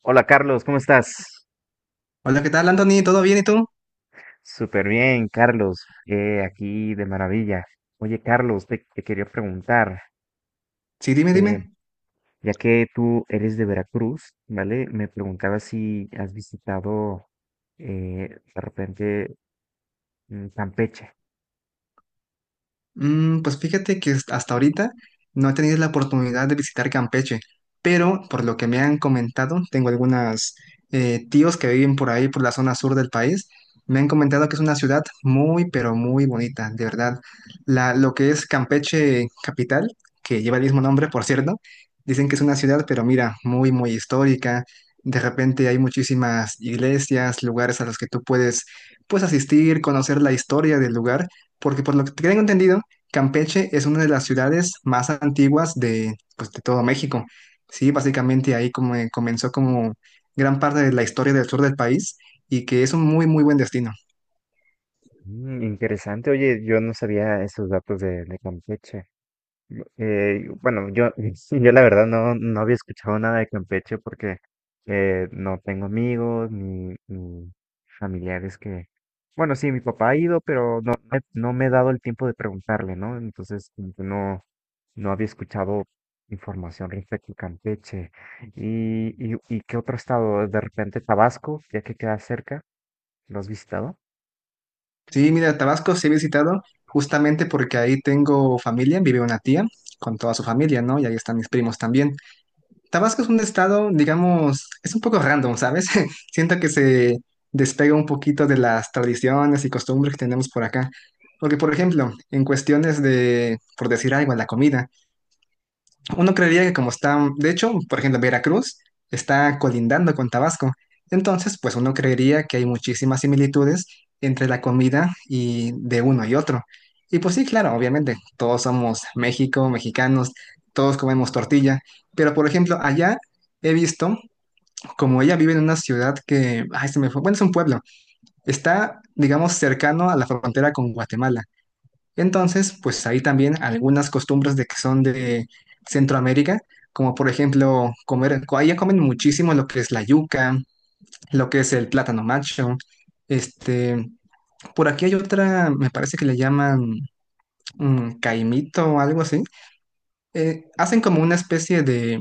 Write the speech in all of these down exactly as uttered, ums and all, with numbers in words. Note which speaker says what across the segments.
Speaker 1: Hola Carlos, ¿cómo estás?
Speaker 2: Hola, ¿qué tal, Anthony? ¿Todo bien y tú?
Speaker 1: Súper bien, Carlos. eh, aquí de maravilla. Oye, Carlos, te, te quería preguntar,
Speaker 2: Sí, dime,
Speaker 1: eh,
Speaker 2: dime.
Speaker 1: ya que tú eres de Veracruz, ¿vale? Me preguntaba si has visitado eh, de repente mm, Campeche.
Speaker 2: Mm, pues fíjate que hasta hasta ahorita no he tenido la oportunidad de visitar Campeche, pero por lo que me han comentado, tengo algunos tíos que viven por ahí, por la zona sur del país. Me han comentado que es una ciudad muy, pero muy bonita, de verdad. La, lo que es Campeche capital, que lleva el mismo nombre, por cierto, dicen que es una ciudad, pero mira, muy, muy histórica. De repente hay muchísimas iglesias, lugares a los que tú puedes, pues, asistir, conocer la historia del lugar. Porque por lo que tengo entendido, Campeche es una de las ciudades más antiguas de, pues, de todo México. Sí, básicamente ahí como eh, comenzó como gran parte de la historia del sur del país y que es un muy, muy buen destino.
Speaker 1: Mm, interesante, oye, yo no sabía esos datos de, de Campeche. Eh, bueno, yo, sí, yo la verdad no, no había escuchado nada de Campeche porque eh, no tengo amigos ni, ni familiares que... Bueno, sí, mi papá ha ido, pero no, me- no me he dado el tiempo de preguntarle, ¿no? Entonces, como que no, no había escuchado información respecto a Campeche. ¿Y, y, y qué otro estado? De repente Tabasco, ya que queda cerca, ¿lo has visitado?
Speaker 2: Sí, mira, Tabasco sí he visitado justamente porque ahí tengo familia, vive una tía con toda su familia, ¿no? Y ahí están mis primos también. Tabasco es un estado, digamos, es un poco random, ¿sabes? Siento que se despega un poquito de las tradiciones y costumbres que tenemos por acá. Porque, por ejemplo, en cuestiones de, por decir algo, la comida. Uno creería que como está, de hecho, por ejemplo, Veracruz está colindando con Tabasco. Entonces, pues uno creería que hay muchísimas similitudes entre la comida y de uno y otro. Y pues sí, claro, obviamente, todos somos México, mexicanos, todos comemos tortilla. Pero, por ejemplo, allá he visto, como ella vive en una ciudad que, ay, se me fue, bueno, es un pueblo, está, digamos, cercano a la frontera con Guatemala. Entonces, pues hay también algunas costumbres de que son de Centroamérica, como por ejemplo comer, co- allá comen muchísimo lo que es la yuca, lo que es el plátano macho. Este, por aquí hay otra, me parece que le llaman mm, caimito o algo así. Eh, hacen como una especie de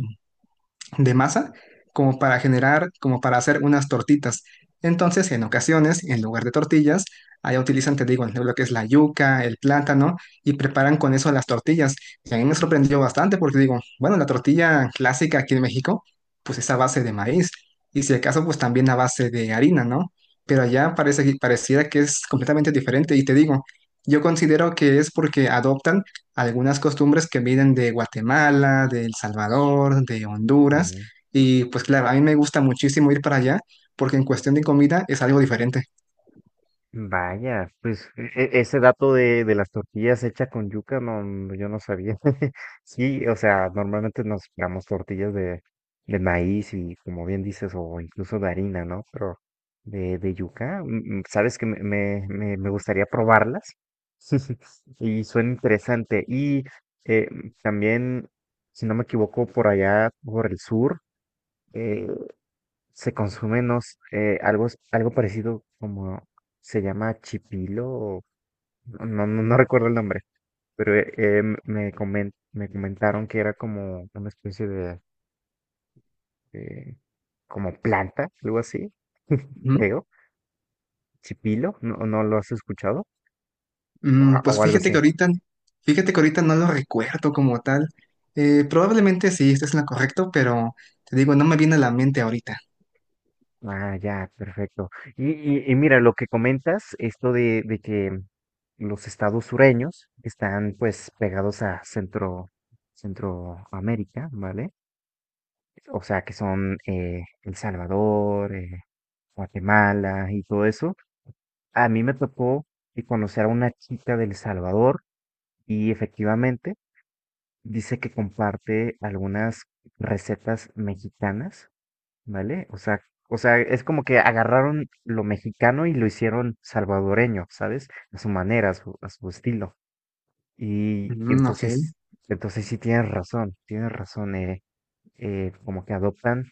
Speaker 2: de masa como para generar, como para hacer unas tortitas. Entonces, en ocasiones, en lugar de tortillas, allá utilizan, te digo, lo que es la yuca, el plátano, y preparan con eso las tortillas. Y a mí me sorprendió bastante porque digo, bueno, la tortilla clásica aquí en México, pues es a base de maíz, y si acaso, pues también a base de harina, ¿no? Pero allá parece que pareciera que es completamente diferente, y te digo, yo considero que es porque adoptan algunas costumbres que vienen de Guatemala, de El Salvador, de Honduras. Y pues claro, a mí me gusta muchísimo ir para allá porque en cuestión de comida es algo diferente.
Speaker 1: Vaya, pues e- e- ese dato de, de las tortillas hechas con yuca, no, no, yo no sabía. Sí, o sea, normalmente nos damos tortillas de, de maíz y como bien dices, o incluso de harina, ¿no? Pero de, de yuca, mm, mm, sabes que me, me, me- me gustaría probarlas. Y suena interesante. Y eh, también, si no me equivoco, por allá, por el sur, eh, se consume, no s- eh, algo, s- algo parecido como se llama chipilo, o- no, no, no recuerdo el nombre, pero eh, eh, m- me, comen- me comentaron que era como una especie de, eh, como planta, algo así,
Speaker 2: Ujú.
Speaker 1: creo, chipilo, ¿no, no lo has escuchado? O,
Speaker 2: Mm,
Speaker 1: a-
Speaker 2: pues
Speaker 1: o algo
Speaker 2: fíjate
Speaker 1: así.
Speaker 2: que ahorita, fíjate que ahorita no lo recuerdo como tal. Eh, probablemente sí, esto es lo correcto, pero te digo, no me viene a la mente ahorita.
Speaker 1: Ah, ya, perfecto. Y, y, y mira, lo que comentas, esto de, de que los estados sureños están pues pegados a Centro, Centroamérica, ¿vale? O sea, que son eh, El Salvador, eh, Guatemala y todo eso. A mí me tocó y conocer a una chica del Salvador y efectivamente dice que comparte algunas recetas mexicanas, ¿vale? O sea, o sea, es como que agarraron lo mexicano y lo hicieron salvadoreño, ¿sabes? A su manera, a su, a su estilo. Y, y
Speaker 2: Mm, ok.
Speaker 1: entonces, entonces sí tienes razón, tienes razón, eh, eh, como que adoptan.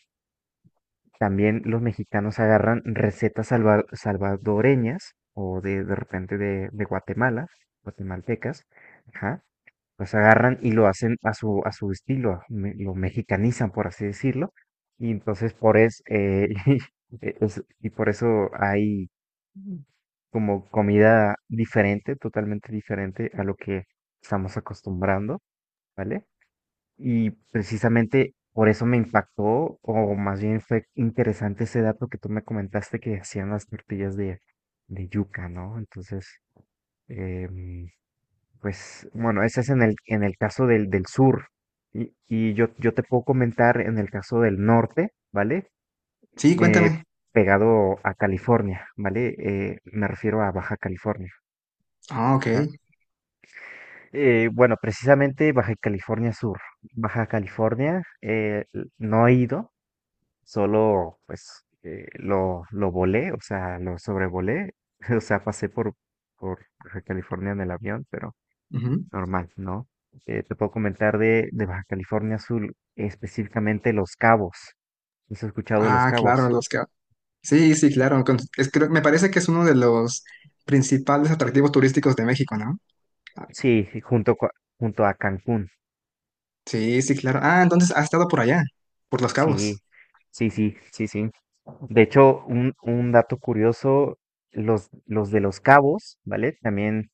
Speaker 1: También los mexicanos agarran recetas salva- salvadoreñas o de, de repente de, de Guatemala, guatemaltecas, ajá, los agarran y lo hacen a su, a su estilo, me- lo mexicanizan, por así decirlo, y entonces por es, eh, e- es- y por eso hay como comida diferente, totalmente diferente a lo que estamos acostumbrando, ¿vale? Y precisamente por eso me impactó, o más bien fue interesante ese dato que tú me comentaste que hacían las tortillas de, de yuca, ¿no? Entonces, em, pues bueno, ese es en el, en el caso del, del sur. Y, y yo, yo te puedo comentar en el caso del norte, ¿vale?
Speaker 2: Sí,
Speaker 1: Eh,
Speaker 2: cuéntame.
Speaker 1: Pegado a California, ¿vale? Eh, me refiero a Baja California.
Speaker 2: Ah, ok.
Speaker 1: Ajá. Eh, bueno, precisamente Baja California Sur. Baja California, eh, l- no he ido. Solo, pues, eh, lo, lo volé, o sea, lo sobrevolé, o sea, pasé por, por Baja California en el avión, pero
Speaker 2: Ujú.
Speaker 1: normal, ¿no? Eh, te puedo comentar de, de Baja California Sur, específicamente Los Cabos. ¿Has escuchado de Los
Speaker 2: Ah,
Speaker 1: Cabos?
Speaker 2: claro, los que... Sí, sí, claro. Con- es- creo- me parece que es uno de los principales atractivos turísticos de México, ¿no? Ah,
Speaker 1: Sí, y junto, cua- junto a Cancún.
Speaker 2: sí, sí, claro. Ah, entonces has estado por allá, por Los
Speaker 1: Sí,
Speaker 2: Cabos.
Speaker 1: sí, sí, sí, sí. De hecho, un, un dato curioso, los, los de Los Cabos, ¿vale? También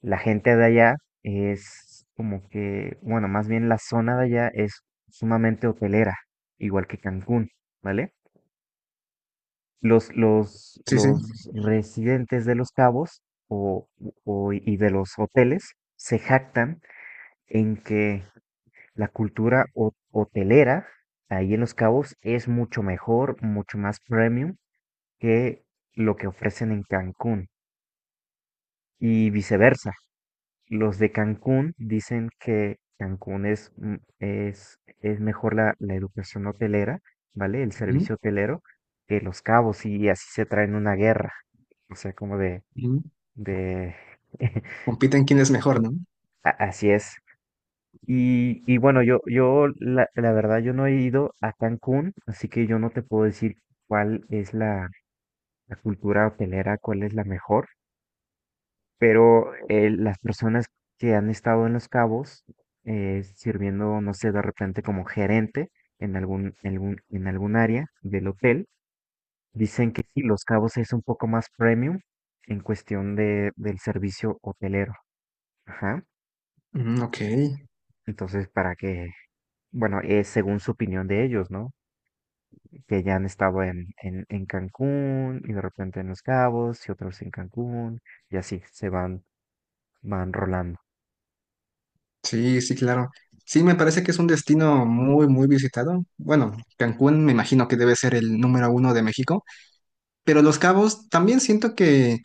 Speaker 1: la gente de allá es como que, bueno, más bien la zona de allá es sumamente hotelera, igual que Cancún, ¿vale? Los, los,
Speaker 2: Sí, sí.
Speaker 1: los residentes de Los Cabos o, o- y de los hoteles se jactan en que la cultura ho- hotelera ahí en Los Cabos es mucho mejor, mucho más premium que lo que ofrecen en Cancún y viceversa. Los de Cancún dicen que Cancún es, mm, es, es mejor la, la educación hotelera, ¿vale? El
Speaker 2: Ujú,
Speaker 1: servicio hotelero que Los Cabos y así se traen una guerra. O sea, como de,
Speaker 2: ujú.
Speaker 1: de...
Speaker 2: Compiten quién es mejor, ¿no?
Speaker 1: a- Así es. Y, y bueno, yo, yo la, la verdad, yo no he ido a Cancún, así que yo no te puedo decir cuál es la, la cultura hotelera, cuál es la mejor. Pero eh, las personas que han estado en Los Cabos eh, sirviendo, no sé, de repente como gerente en algún, en algún, en algún área del hotel, dicen que sí, Los Cabos es un poco más premium en cuestión de, del servicio hotelero. Ajá.
Speaker 2: Mm, ok.
Speaker 1: Entonces, para que, bueno, es según su opinión de ellos, ¿no? Que ya han estado en, en, en Cancún y de repente en Los Cabos y otros en Cancún y así se van, van rolando.
Speaker 2: Sí, sí, claro. Sí, me parece que es un destino muy, muy visitado. Bueno, Cancún me imagino que debe ser el número uno de México, pero Los Cabos también siento que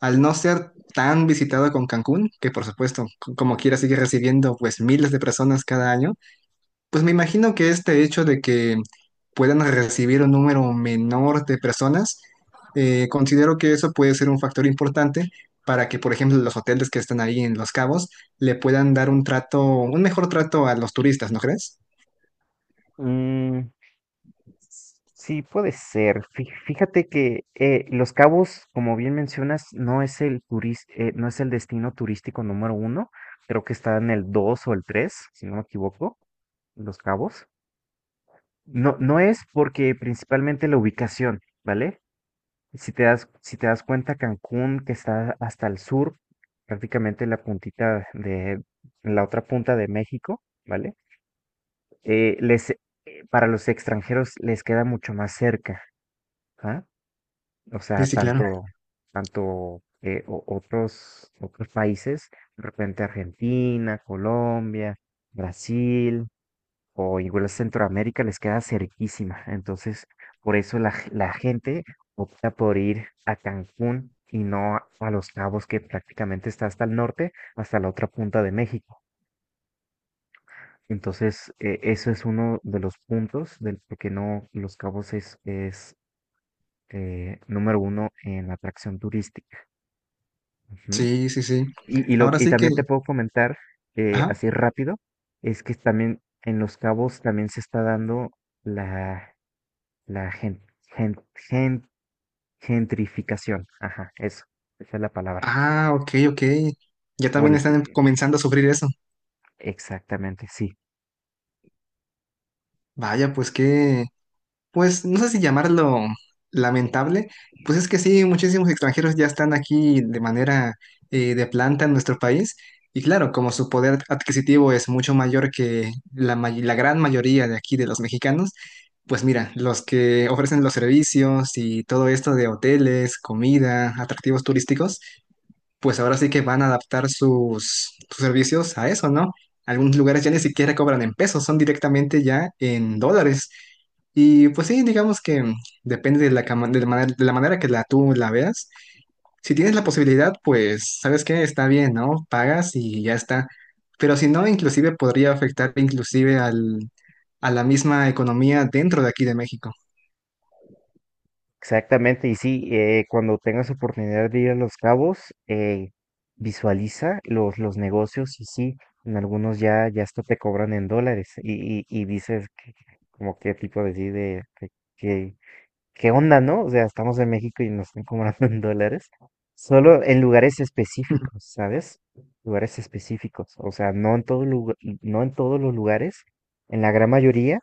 Speaker 2: al no ser tan visitado con Cancún, que por supuesto, c- como quiera, sigue recibiendo pues miles de personas cada año, pues me imagino que este hecho de que puedan recibir un número menor de personas, eh, considero que eso puede ser un factor importante para que, por ejemplo, los hoteles que están ahí en Los Cabos le puedan dar un trato, un mejor trato a los turistas, ¿no crees?
Speaker 1: Mm, Sí, puede ser. Fí- Fíjate que eh, Los Cabos, como bien mencionas, no es el turis- eh, no es el destino turístico número uno. Creo que está en el dos o el tres, si no me equivoco, Los Cabos. No, no es porque principalmente la ubicación, ¿vale? Si te das, si te das cuenta, Cancún, que está hasta el sur, prácticamente la puntita de, la otra punta de México, ¿vale? Eh, les, eh, para los extranjeros les queda mucho más cerca. ¿Ah? O
Speaker 2: Sí,
Speaker 1: sea,
Speaker 2: sí, claro.
Speaker 1: tanto, tanto eh, o- otros, otros países, de repente Argentina, Colombia, Brasil o igual Centroamérica les queda cerquísima. Entonces, por eso la, g- la gente opta por ir a Cancún y no a, a Los Cabos, que prácticamente está hasta el norte, hasta la otra punta de México. Entonces, eh, eso es uno de los puntos del por qué no Los Cabos es, es eh, número uno en atracción turística. Ujú.
Speaker 2: Sí, sí, sí.
Speaker 1: Y, y, lo,
Speaker 2: Ahora
Speaker 1: y
Speaker 2: sí que...
Speaker 1: también te puedo comentar eh,
Speaker 2: Ajá.
Speaker 1: así rápido, es que también en Los Cabos también se está dando la, la gen- gen- gen- gentrificación. Ajá, eso, esa es la palabra.
Speaker 2: Ah, ok, ok. Ya
Speaker 1: Por
Speaker 2: también
Speaker 1: el
Speaker 2: están
Speaker 1: t-
Speaker 2: comenzando a sufrir eso.
Speaker 1: Exactamente, sí.
Speaker 2: Vaya, pues qué, pues no sé si llamarlo lamentable, pues es que sí, muchísimos extranjeros ya están aquí de manera eh, de planta en nuestro país y claro, como su poder adquisitivo es mucho mayor que la, may- la gran mayoría de aquí de los mexicanos, pues mira, los que ofrecen los servicios y todo esto de hoteles, comida, atractivos turísticos pues ahora sí que van a adaptar sus, sus servicios a eso, ¿no? Algunos lugares ya ni siquiera cobran en pesos, son directamente ya en dólares. Y pues sí, digamos que depende de la, cama- de la manera, de la manera que la, tú la veas. Si tienes la posibilidad, pues, ¿sabes qué? Está bien, ¿no? Pagas y ya está. Pero si no, inclusive podría afectar inclusive al, a la misma economía dentro de aquí de México.
Speaker 1: Exactamente, y sí, eh, cuando tengas oportunidad de ir a Los Cabos, eh, visualiza los, los negocios y sí, en algunos ya, ya hasta te cobran en dólares y, y, y dices que- como qué tipo de, sí, de, de- qué, ¿qué onda, no? O sea, estamos en México y nos están cobrando en dólares. Solo en lugares específicos, ¿sabes? Lugares específicos. O sea, no en todo lugar, no en todos los lugares. En la gran mayoría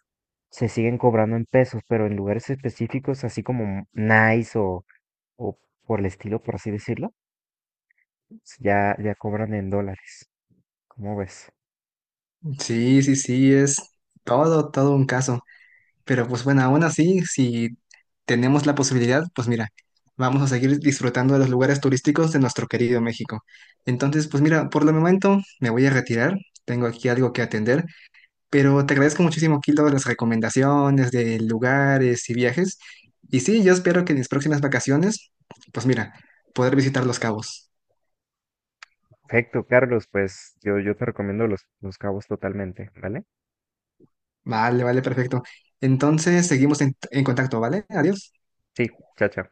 Speaker 1: se siguen cobrando en pesos, pero en lugares específicos, así como Nice o, o por el estilo, por así decirlo, pues, ya, ya cobran en dólares. ¿Cómo ves?
Speaker 2: Sí, sí, sí, es todo, todo un caso. Pero pues bueno, aún así, si tenemos la posibilidad, pues mira, vamos a seguir disfrutando de los lugares turísticos de nuestro querido México. Entonces, pues mira, por el momento me voy a retirar, tengo aquí algo que atender, pero te agradezco muchísimo, Kilo, las recomendaciones de lugares y viajes. Y sí, yo espero que en mis próximas vacaciones, pues mira, poder visitar Los Cabos.
Speaker 1: Perfecto, Carlos, pues yo, yo te recomiendo los, los cabos totalmente, ¿vale?
Speaker 2: Vale, vale, perfecto. Entonces, seguimos en en contacto, ¿vale? Adiós.
Speaker 1: Sí, chao, chao.